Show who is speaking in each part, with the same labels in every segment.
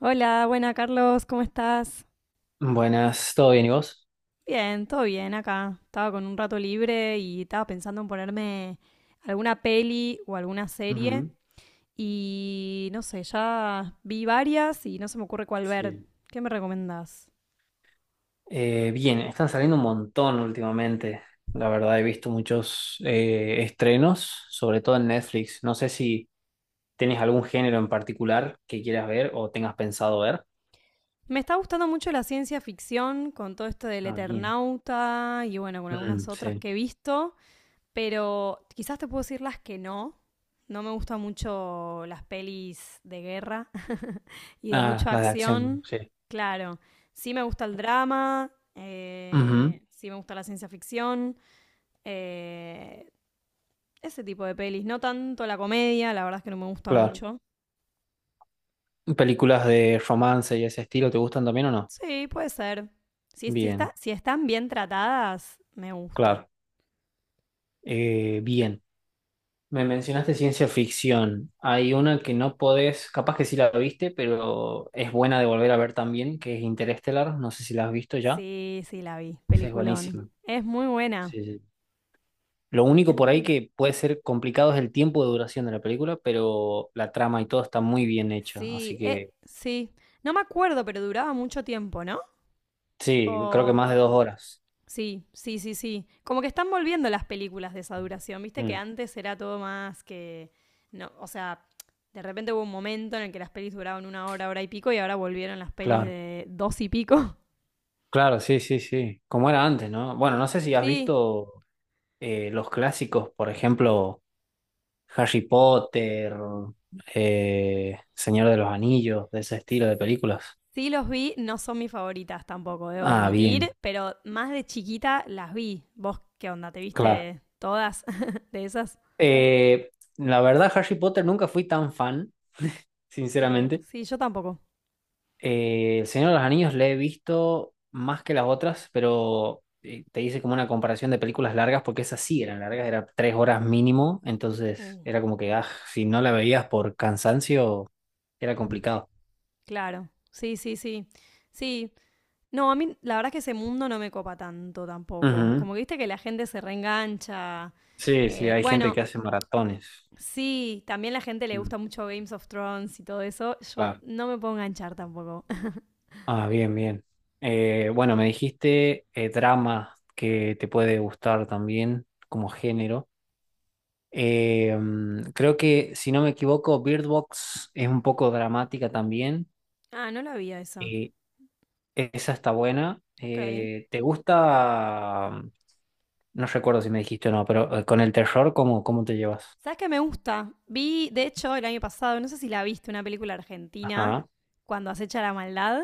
Speaker 1: Hola, buena Carlos, ¿cómo estás?
Speaker 2: Buenas, ¿todo bien y vos?
Speaker 1: Bien, todo bien acá. Estaba con un rato libre y estaba pensando en ponerme alguna peli o alguna serie
Speaker 2: Ujú.
Speaker 1: y no sé, ya vi varias y no se me ocurre cuál ver.
Speaker 2: Sí.
Speaker 1: ¿Qué me recomendás?
Speaker 2: Bien, están saliendo un montón últimamente. La verdad, he visto muchos estrenos, sobre todo en Netflix. No sé si tenés algún género en particular que quieras ver o tengas pensado ver.
Speaker 1: Me está gustando mucho la ciencia ficción con todo esto del
Speaker 2: Ah, bien.
Speaker 1: Eternauta y bueno, con algunas
Speaker 2: Mm,
Speaker 1: otras
Speaker 2: sí.
Speaker 1: que he visto, pero quizás te puedo decir las que no. No me gustan mucho las pelis de guerra y de
Speaker 2: Ah,
Speaker 1: mucha
Speaker 2: las de acción,
Speaker 1: acción,
Speaker 2: sí.
Speaker 1: claro. Sí me gusta el drama,
Speaker 2: Ujú,
Speaker 1: sí me gusta la ciencia ficción, eh, ese tipo de pelis. No tanto la comedia, la verdad es que no me gusta
Speaker 2: claro.
Speaker 1: mucho.
Speaker 2: Mm. ¿Películas de romance y ese estilo te gustan también o no?
Speaker 1: Sí, puede ser. Si, si, está,
Speaker 2: Bien,
Speaker 1: si están bien tratadas, me gusta.
Speaker 2: claro. Bien. Me mencionaste ciencia ficción. Hay una que no podés, capaz que sí la viste, pero es buena de volver a ver también, que es Interestelar. No sé si la has visto ya.
Speaker 1: Sí, sí, la vi.
Speaker 2: Sí, es
Speaker 1: Peliculón.
Speaker 2: buenísima.
Speaker 1: Es muy buena.
Speaker 2: Sí, sí. Lo único
Speaker 1: Es
Speaker 2: por
Speaker 1: muy
Speaker 2: ahí
Speaker 1: buena.
Speaker 2: que puede ser complicado es el tiempo de duración de la película, pero la trama y todo está muy bien hecha. Así
Speaker 1: Sí,
Speaker 2: que
Speaker 1: sí. No me acuerdo, pero duraba mucho tiempo, ¿no?
Speaker 2: sí, creo que
Speaker 1: O
Speaker 2: más de 2 horas.
Speaker 1: sí, sí, sí, sí. Como que están volviendo las películas de esa duración, viste que
Speaker 2: Mm,
Speaker 1: antes era todo más que... No, o sea, de repente hubo un momento en el que las pelis duraban una hora, hora y pico y ahora volvieron las pelis
Speaker 2: claro,
Speaker 1: de dos y pico.
Speaker 2: claro, sí, sí, sí. Como era antes, ¿no? Bueno, no sé si has
Speaker 1: Sí,
Speaker 2: visto los clásicos, por ejemplo. Harry Potter, Señor de los Anillos, de ese estilo de películas.
Speaker 1: sí los vi, no son mis favoritas tampoco, debo
Speaker 2: Ah,
Speaker 1: admitir,
Speaker 2: bien,
Speaker 1: pero más de chiquita las vi. ¿Vos qué onda? ¿Te
Speaker 2: claro.
Speaker 1: viste todas de esas?
Speaker 2: Eh, la verdad, Harry Potter nunca fui tan fan,
Speaker 1: Ok,
Speaker 2: sinceramente.
Speaker 1: sí, yo tampoco.
Speaker 2: El Señor de los Anillos le he visto más que las otras, pero te hice como una comparación de películas largas, porque esas sí eran largas, eran 3 horas mínimo, entonces
Speaker 1: Mm,
Speaker 2: era como que, ah, si no la veías por cansancio, era complicado.
Speaker 1: claro, sí, sí, sí. Sí, no, a mí la verdad es que ese mundo no me copa tanto tampoco.
Speaker 2: Ujú.
Speaker 1: Como que viste que la gente se reengancha.
Speaker 2: Sí, sí, hay gente
Speaker 1: Bueno,
Speaker 2: que hace maratones.
Speaker 1: sí, también la gente le
Speaker 2: Mm.
Speaker 1: gusta mucho Games of Thrones y todo eso. Yo
Speaker 2: Claro.
Speaker 1: no me puedo enganchar tampoco.
Speaker 2: Ah, bien, bien. Bueno, me dijiste drama que te puede gustar también como género. Creo que, si no me equivoco, Bird Box es un poco dramática también.
Speaker 1: Ah, no la vi a esa.
Speaker 2: Y esa está buena.
Speaker 1: Ok.
Speaker 2: ¿Te gusta? Mm. No recuerdo si me dijiste o no, pero con el terror, ¿cómo te llevas?
Speaker 1: ¿Sabes qué me gusta? Vi, de hecho, el año pasado, no sé si la viste, una película argentina,
Speaker 2: Ajá.
Speaker 1: cuando acecha la maldad.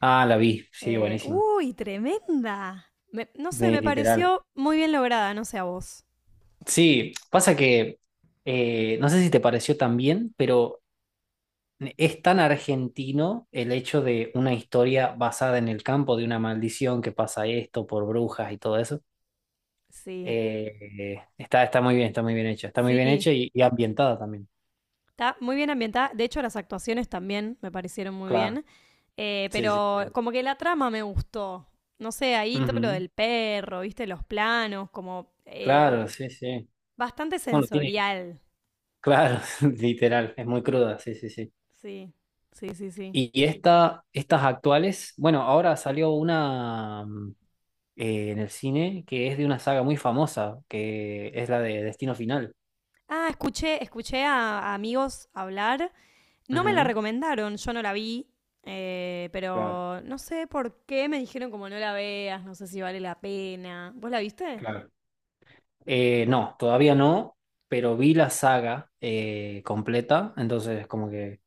Speaker 2: Ah, la vi. Sí, buenísimo.
Speaker 1: Uy, tremenda. No sé,
Speaker 2: De,
Speaker 1: me
Speaker 2: literal.
Speaker 1: pareció muy bien lograda, no sé a vos.
Speaker 2: Sí, pasa que no sé si te pareció también, pero es tan argentino el hecho de una historia basada en el campo de una maldición que pasa esto por brujas y todo eso.
Speaker 1: Sí,
Speaker 2: Está muy bien, está muy bien hecha. Está muy bien
Speaker 1: sí.
Speaker 2: hecha y ambientada también.
Speaker 1: Está muy bien ambientada. De hecho, las actuaciones también me parecieron muy
Speaker 2: Claro,
Speaker 1: bien.
Speaker 2: sí, sí,
Speaker 1: Pero
Speaker 2: sí.
Speaker 1: como que la trama me gustó. No sé, ahí todo lo
Speaker 2: Ujú.
Speaker 1: del perro, viste, los planos, como
Speaker 2: Claro, sí, sí.
Speaker 1: bastante
Speaker 2: Bueno, tiene,
Speaker 1: sensorial.
Speaker 2: claro, literal, es muy cruda, sí, sí, sí.
Speaker 1: Sí, sí, sí, sí.
Speaker 2: Y estas actuales, bueno, ahora salió una mm, en el cine que es de una saga muy famosa, que es la de Destino Final.
Speaker 1: Ah, escuché, escuché a amigos hablar. No me la
Speaker 2: Ujú.
Speaker 1: recomendaron, yo no la vi.
Speaker 2: Claro,
Speaker 1: Pero no sé por qué me dijeron como no la veas, no sé si vale la pena. ¿Vos la viste?
Speaker 2: claro. No, todavía no, pero vi la saga completa, entonces como que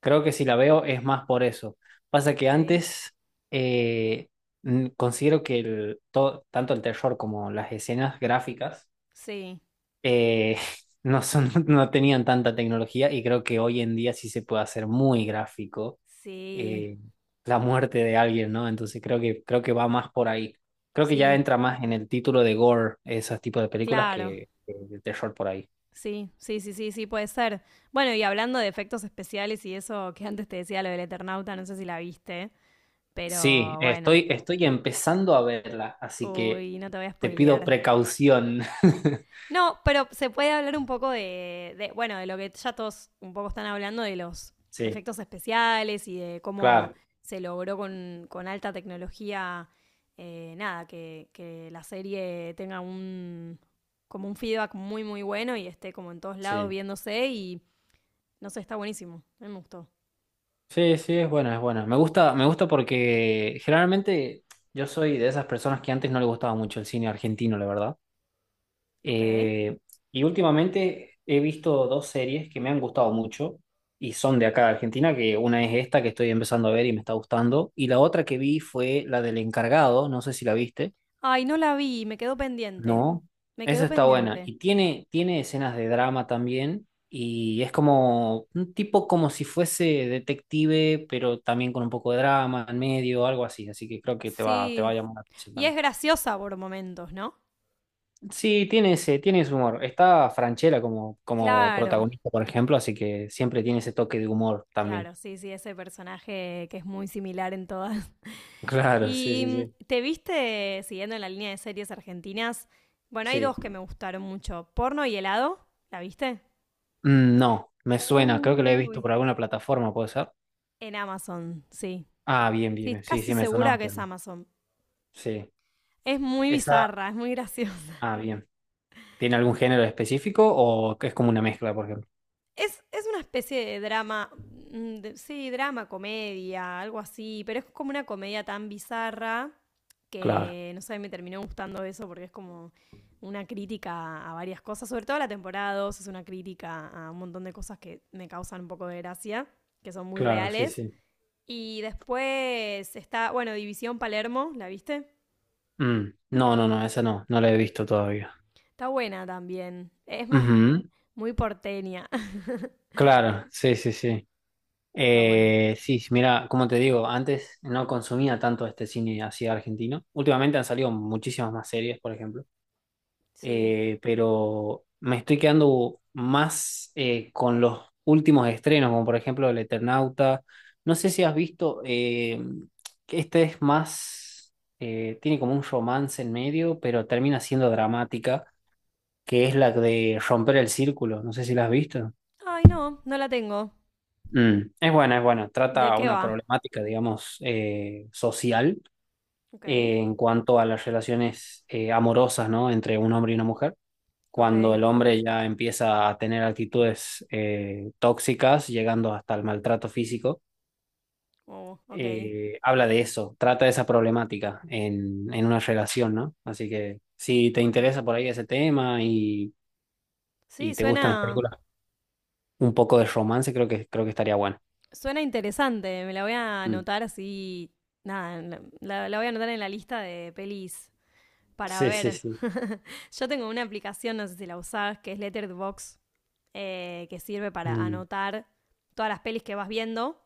Speaker 2: creo que si la veo es más por eso. Pasa que
Speaker 1: Ok.
Speaker 2: antes eh, considero que tanto el terror como las escenas gráficas
Speaker 1: Sí,
Speaker 2: eh, no son, no tenían tanta tecnología y creo que hoy en día sí se puede hacer muy gráfico
Speaker 1: sí,
Speaker 2: eh, la muerte de alguien, ¿no? Entonces creo que va más por ahí. Creo que ya
Speaker 1: sí,
Speaker 2: entra más en el título de gore, esos tipos de películas
Speaker 1: claro.
Speaker 2: que de terror por ahí.
Speaker 1: Sí, sí, sí, sí, sí, puede ser. Bueno, y hablando de efectos especiales y eso que antes te decía lo del Eternauta, no sé si la viste,
Speaker 2: Sí,
Speaker 1: pero bueno.
Speaker 2: estoy empezando a verla, así que
Speaker 1: Uy, no te voy a
Speaker 2: te pido
Speaker 1: spoilear.
Speaker 2: precaución.
Speaker 1: No, pero se puede hablar un poco de, bueno, de lo que ya todos un poco están hablando, de los
Speaker 2: Sí,
Speaker 1: efectos especiales y de cómo
Speaker 2: claro,
Speaker 1: se logró con alta tecnología, nada, que la serie tenga un, como un feedback muy, muy bueno y esté como en todos lados
Speaker 2: sí.
Speaker 1: viéndose y no sé, está buenísimo. A mí me gustó.
Speaker 2: Sí, sí, es buena, es buena. Me gusta porque generalmente yo soy de esas personas que antes no le gustaba mucho el cine argentino, la verdad.
Speaker 1: Ok.
Speaker 2: Eh, y últimamente he visto dos series que me han gustado mucho y son de acá de Argentina, que una es esta que estoy empezando a ver y me está gustando, y la otra que vi fue la del encargado, no sé si la viste,
Speaker 1: Ay, no la vi, me quedó pendiente.
Speaker 2: no,
Speaker 1: Me
Speaker 2: esa
Speaker 1: quedó
Speaker 2: está buena
Speaker 1: pendiente.
Speaker 2: y tiene, tiene escenas de drama también y es como un tipo como si fuese detective, pero también con un poco de drama en medio, algo así, así que creo que te va a
Speaker 1: Sí.
Speaker 2: llamar la atención
Speaker 1: Y es
Speaker 2: también.
Speaker 1: graciosa por momentos, ¿no?
Speaker 2: Sí, tiene ese humor. Está Franchella como, como
Speaker 1: Claro,
Speaker 2: protagonista, por ejemplo, así que siempre tiene ese toque de humor también.
Speaker 1: claro, sí, sí, ese personaje que es muy similar en todas.
Speaker 2: Claro, sí, sí,
Speaker 1: ¿Y
Speaker 2: sí.
Speaker 1: mm, te viste, siguiendo en la línea de series argentinas? Bueno, hay dos
Speaker 2: Sí.
Speaker 1: que me gustaron mucho. Porno y helado, ¿la viste?
Speaker 2: Mm, no, me suena, creo que lo he visto
Speaker 1: Uy.
Speaker 2: por alguna plataforma, ¿puede ser?
Speaker 1: En Amazon, sí.
Speaker 2: Ah, bien, bien,
Speaker 1: Sí,
Speaker 2: bien. Sí,
Speaker 1: casi
Speaker 2: sí, me
Speaker 1: segura
Speaker 2: sonaba
Speaker 1: que
Speaker 2: que
Speaker 1: es
Speaker 2: algo.
Speaker 1: Amazon.
Speaker 2: Sí.
Speaker 1: Es muy
Speaker 2: Esa,
Speaker 1: bizarra, es muy graciosa.
Speaker 2: ah, bien. ¿Tiene algún género específico o que es como una mezcla, por ejemplo?
Speaker 1: Es una especie de drama, mm, sí, drama, comedia, algo así, pero es como una comedia tan bizarra
Speaker 2: Claro,
Speaker 1: que, no sé, me terminó gustando eso porque es como una crítica a varias cosas, sobre todo la temporada 2 es una crítica a un montón de cosas que me causan un poco de gracia, que son muy
Speaker 2: claro, sí,
Speaker 1: reales.
Speaker 2: sí.
Speaker 1: Y después está, bueno, División Palermo, ¿la viste?
Speaker 2: Mm, no, no, no, esa no, no la he visto todavía.
Speaker 1: Está buena también, es más,
Speaker 2: Ujú.
Speaker 1: muy porteña.
Speaker 2: Claro, sí, sí, sí.
Speaker 1: Está bueno.
Speaker 2: Sí, sí, mira, como te digo, antes no consumía tanto este cine así argentino. Últimamente han salido muchísimas más series, por ejemplo.
Speaker 1: Sí.
Speaker 2: Pero me estoy quedando más con los últimos estrenos, como por ejemplo El Eternauta. No sé si has visto que este es más, tiene como un romance en medio, pero termina siendo dramática, que es la de Romper el Círculo. No sé si la has visto.
Speaker 1: Ay, no, no la tengo.
Speaker 2: Mm, es buena, es buena.
Speaker 1: ¿De
Speaker 2: Trata
Speaker 1: qué
Speaker 2: una
Speaker 1: va?
Speaker 2: problemática, digamos, social
Speaker 1: Ok,
Speaker 2: en cuanto a las relaciones amorosas, ¿no? Entre un hombre y una mujer. Cuando
Speaker 1: ok,
Speaker 2: el hombre ya empieza a tener actitudes tóxicas, llegando hasta el maltrato físico,
Speaker 1: oh, ok.
Speaker 2: habla de eso, trata de esa problemática en una relación, ¿no? Así que si te
Speaker 1: Bueno,
Speaker 2: interesa por ahí ese tema
Speaker 1: sí,
Speaker 2: y te gustan las
Speaker 1: suena,
Speaker 2: películas, un poco de romance, creo que estaría bueno.
Speaker 1: suena interesante. Me la voy a
Speaker 2: Mm.
Speaker 1: anotar así. Nada, la, la voy a anotar en la lista de pelis para
Speaker 2: Sí, sí,
Speaker 1: ver.
Speaker 2: sí.
Speaker 1: Yo tengo una aplicación, no sé si la usás, que es Letterboxd, que sirve para
Speaker 2: Mm,
Speaker 1: anotar todas las pelis que vas viendo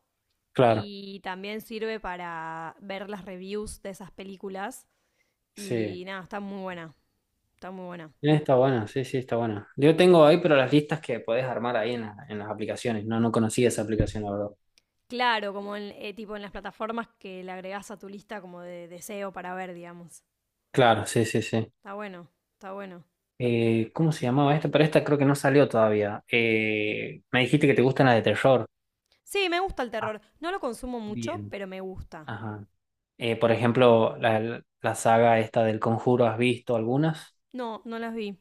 Speaker 2: claro.
Speaker 1: y también sirve para ver las reviews de esas películas.
Speaker 2: Sí.
Speaker 1: Y nada, está muy buena, está muy buena.
Speaker 2: Está buena, sí, sí, está buena. Yo
Speaker 1: Sí.
Speaker 2: tengo ahí, pero las listas que podés armar ahí en, en las aplicaciones. No, no conocía esa aplicación, la verdad.
Speaker 1: Claro, como en, tipo en las plataformas que le agregás a tu lista como de deseo para ver, digamos.
Speaker 2: Claro, sí, sí, sí.
Speaker 1: Está bueno, está bueno.
Speaker 2: ¿Cómo se llamaba esta? Pero esta creo que no salió todavía. Me dijiste que te gustan las de terror.
Speaker 1: Sí, me gusta el
Speaker 2: Ah,
Speaker 1: terror. No lo consumo mucho,
Speaker 2: bien.
Speaker 1: pero me gusta.
Speaker 2: Ajá. Por ejemplo, la saga esta del Conjuro, ¿has visto algunas?
Speaker 1: No, no las vi.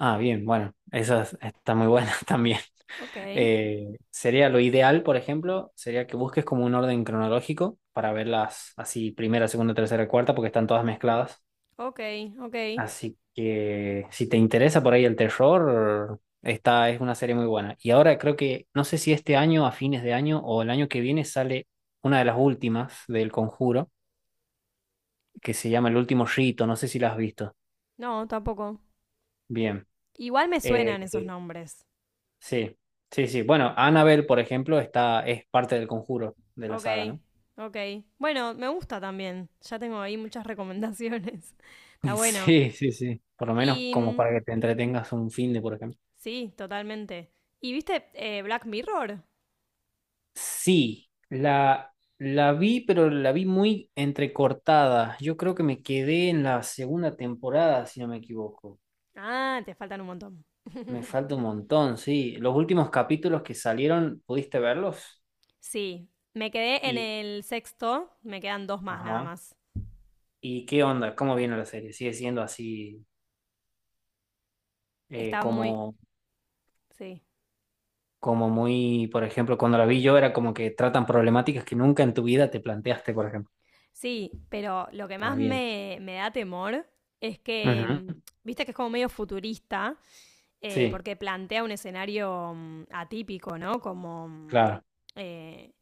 Speaker 2: Ah, bien, bueno, esas están muy buenas también.
Speaker 1: Ok,
Speaker 2: Sería lo ideal, por ejemplo, sería que busques como un orden cronológico para verlas así, primera, segunda, tercera, cuarta, porque están todas mezcladas.
Speaker 1: ok, ok.
Speaker 2: Así que si te interesa por ahí el terror, esta es una serie muy buena. Y ahora creo que, no sé si este año, a fines de año o el año que viene, sale una de las últimas del Conjuro, que se llama El Último Rito, no sé si la has visto.
Speaker 1: No, tampoco.
Speaker 2: Bien.
Speaker 1: Igual me
Speaker 2: Eh,
Speaker 1: suenan esos
Speaker 2: eh,
Speaker 1: nombres.
Speaker 2: sí, sí, sí. Bueno, Annabelle, por ejemplo, está, es parte del Conjuro de la
Speaker 1: Ok,
Speaker 2: saga, ¿no?
Speaker 1: ok. Bueno, me gusta también. Ya tengo ahí muchas recomendaciones. Está bueno.
Speaker 2: Sí, sí, sí. Por lo menos
Speaker 1: Y
Speaker 2: como
Speaker 1: mm,
Speaker 2: para que te entretengas un fin de, por ejemplo.
Speaker 1: sí, totalmente. ¿Y viste Black Mirror?
Speaker 2: Sí, la vi, pero la vi muy entrecortada. Yo creo que me quedé en la segunda temporada, si no me equivoco.
Speaker 1: Ah, te faltan un montón.
Speaker 2: Me falta un montón, sí. Los últimos capítulos que salieron, ¿pudiste verlos?
Speaker 1: Sí, me quedé en
Speaker 2: Y,
Speaker 1: el sexto, me quedan dos más nada
Speaker 2: ajá.
Speaker 1: más.
Speaker 2: ¿Y qué onda? ¿Cómo viene la serie? ¿Sigue siendo así eh,
Speaker 1: Está muy...
Speaker 2: como,
Speaker 1: Sí,
Speaker 2: como muy, por ejemplo, cuando la vi yo era como que tratan problemáticas que nunca en tu vida te planteaste, por ejemplo?
Speaker 1: sí, pero lo que
Speaker 2: Ah,
Speaker 1: más
Speaker 2: bien.
Speaker 1: me, me da temor es
Speaker 2: Ujú.
Speaker 1: que, mm, viste que es como medio futurista,
Speaker 2: Sí,
Speaker 1: porque plantea un escenario mm, atípico, ¿no? Como... mm,
Speaker 2: claro.
Speaker 1: eh,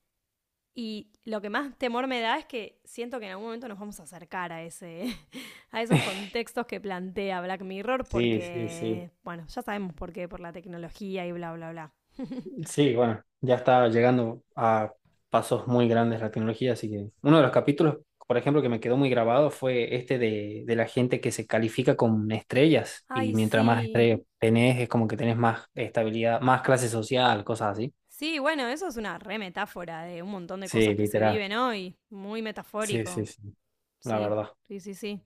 Speaker 1: y lo que más temor me da es que siento que en algún momento nos vamos a acercar a ese, a esos contextos que plantea Black Mirror,
Speaker 2: Sí, sí, sí.
Speaker 1: porque, bueno, ya sabemos por qué, por la tecnología y bla, bla, bla.
Speaker 2: Sí, bueno, ya está llegando a pasos muy grandes la tecnología, así que uno de los capítulos, por ejemplo, que me quedó muy grabado fue este de la gente que se califica con estrellas y
Speaker 1: Ay,
Speaker 2: mientras más
Speaker 1: sí,
Speaker 2: estrellas tenés, es como que tenés más estabilidad, más clase social, cosas así.
Speaker 1: sí, bueno, eso es una re metáfora de un montón de
Speaker 2: Sí,
Speaker 1: cosas que se
Speaker 2: literal.
Speaker 1: viven hoy. Muy
Speaker 2: Sí, sí,
Speaker 1: metafórico.
Speaker 2: sí, la
Speaker 1: Sí,
Speaker 2: verdad.
Speaker 1: sí, sí, sí.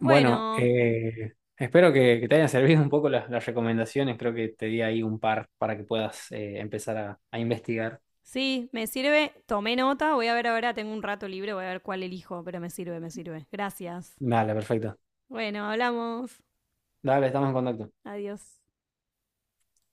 Speaker 2: Bueno, espero que te hayan servido un poco las recomendaciones, creo que te di ahí un par para que puedas empezar a investigar.
Speaker 1: sí, me sirve. Tomé nota. Voy a ver ahora, tengo un rato libre, voy a ver cuál elijo, pero me sirve, me sirve. Gracias.
Speaker 2: Dale, perfecto.
Speaker 1: Bueno, hablamos.
Speaker 2: Dale, estamos en contacto.
Speaker 1: Adiós.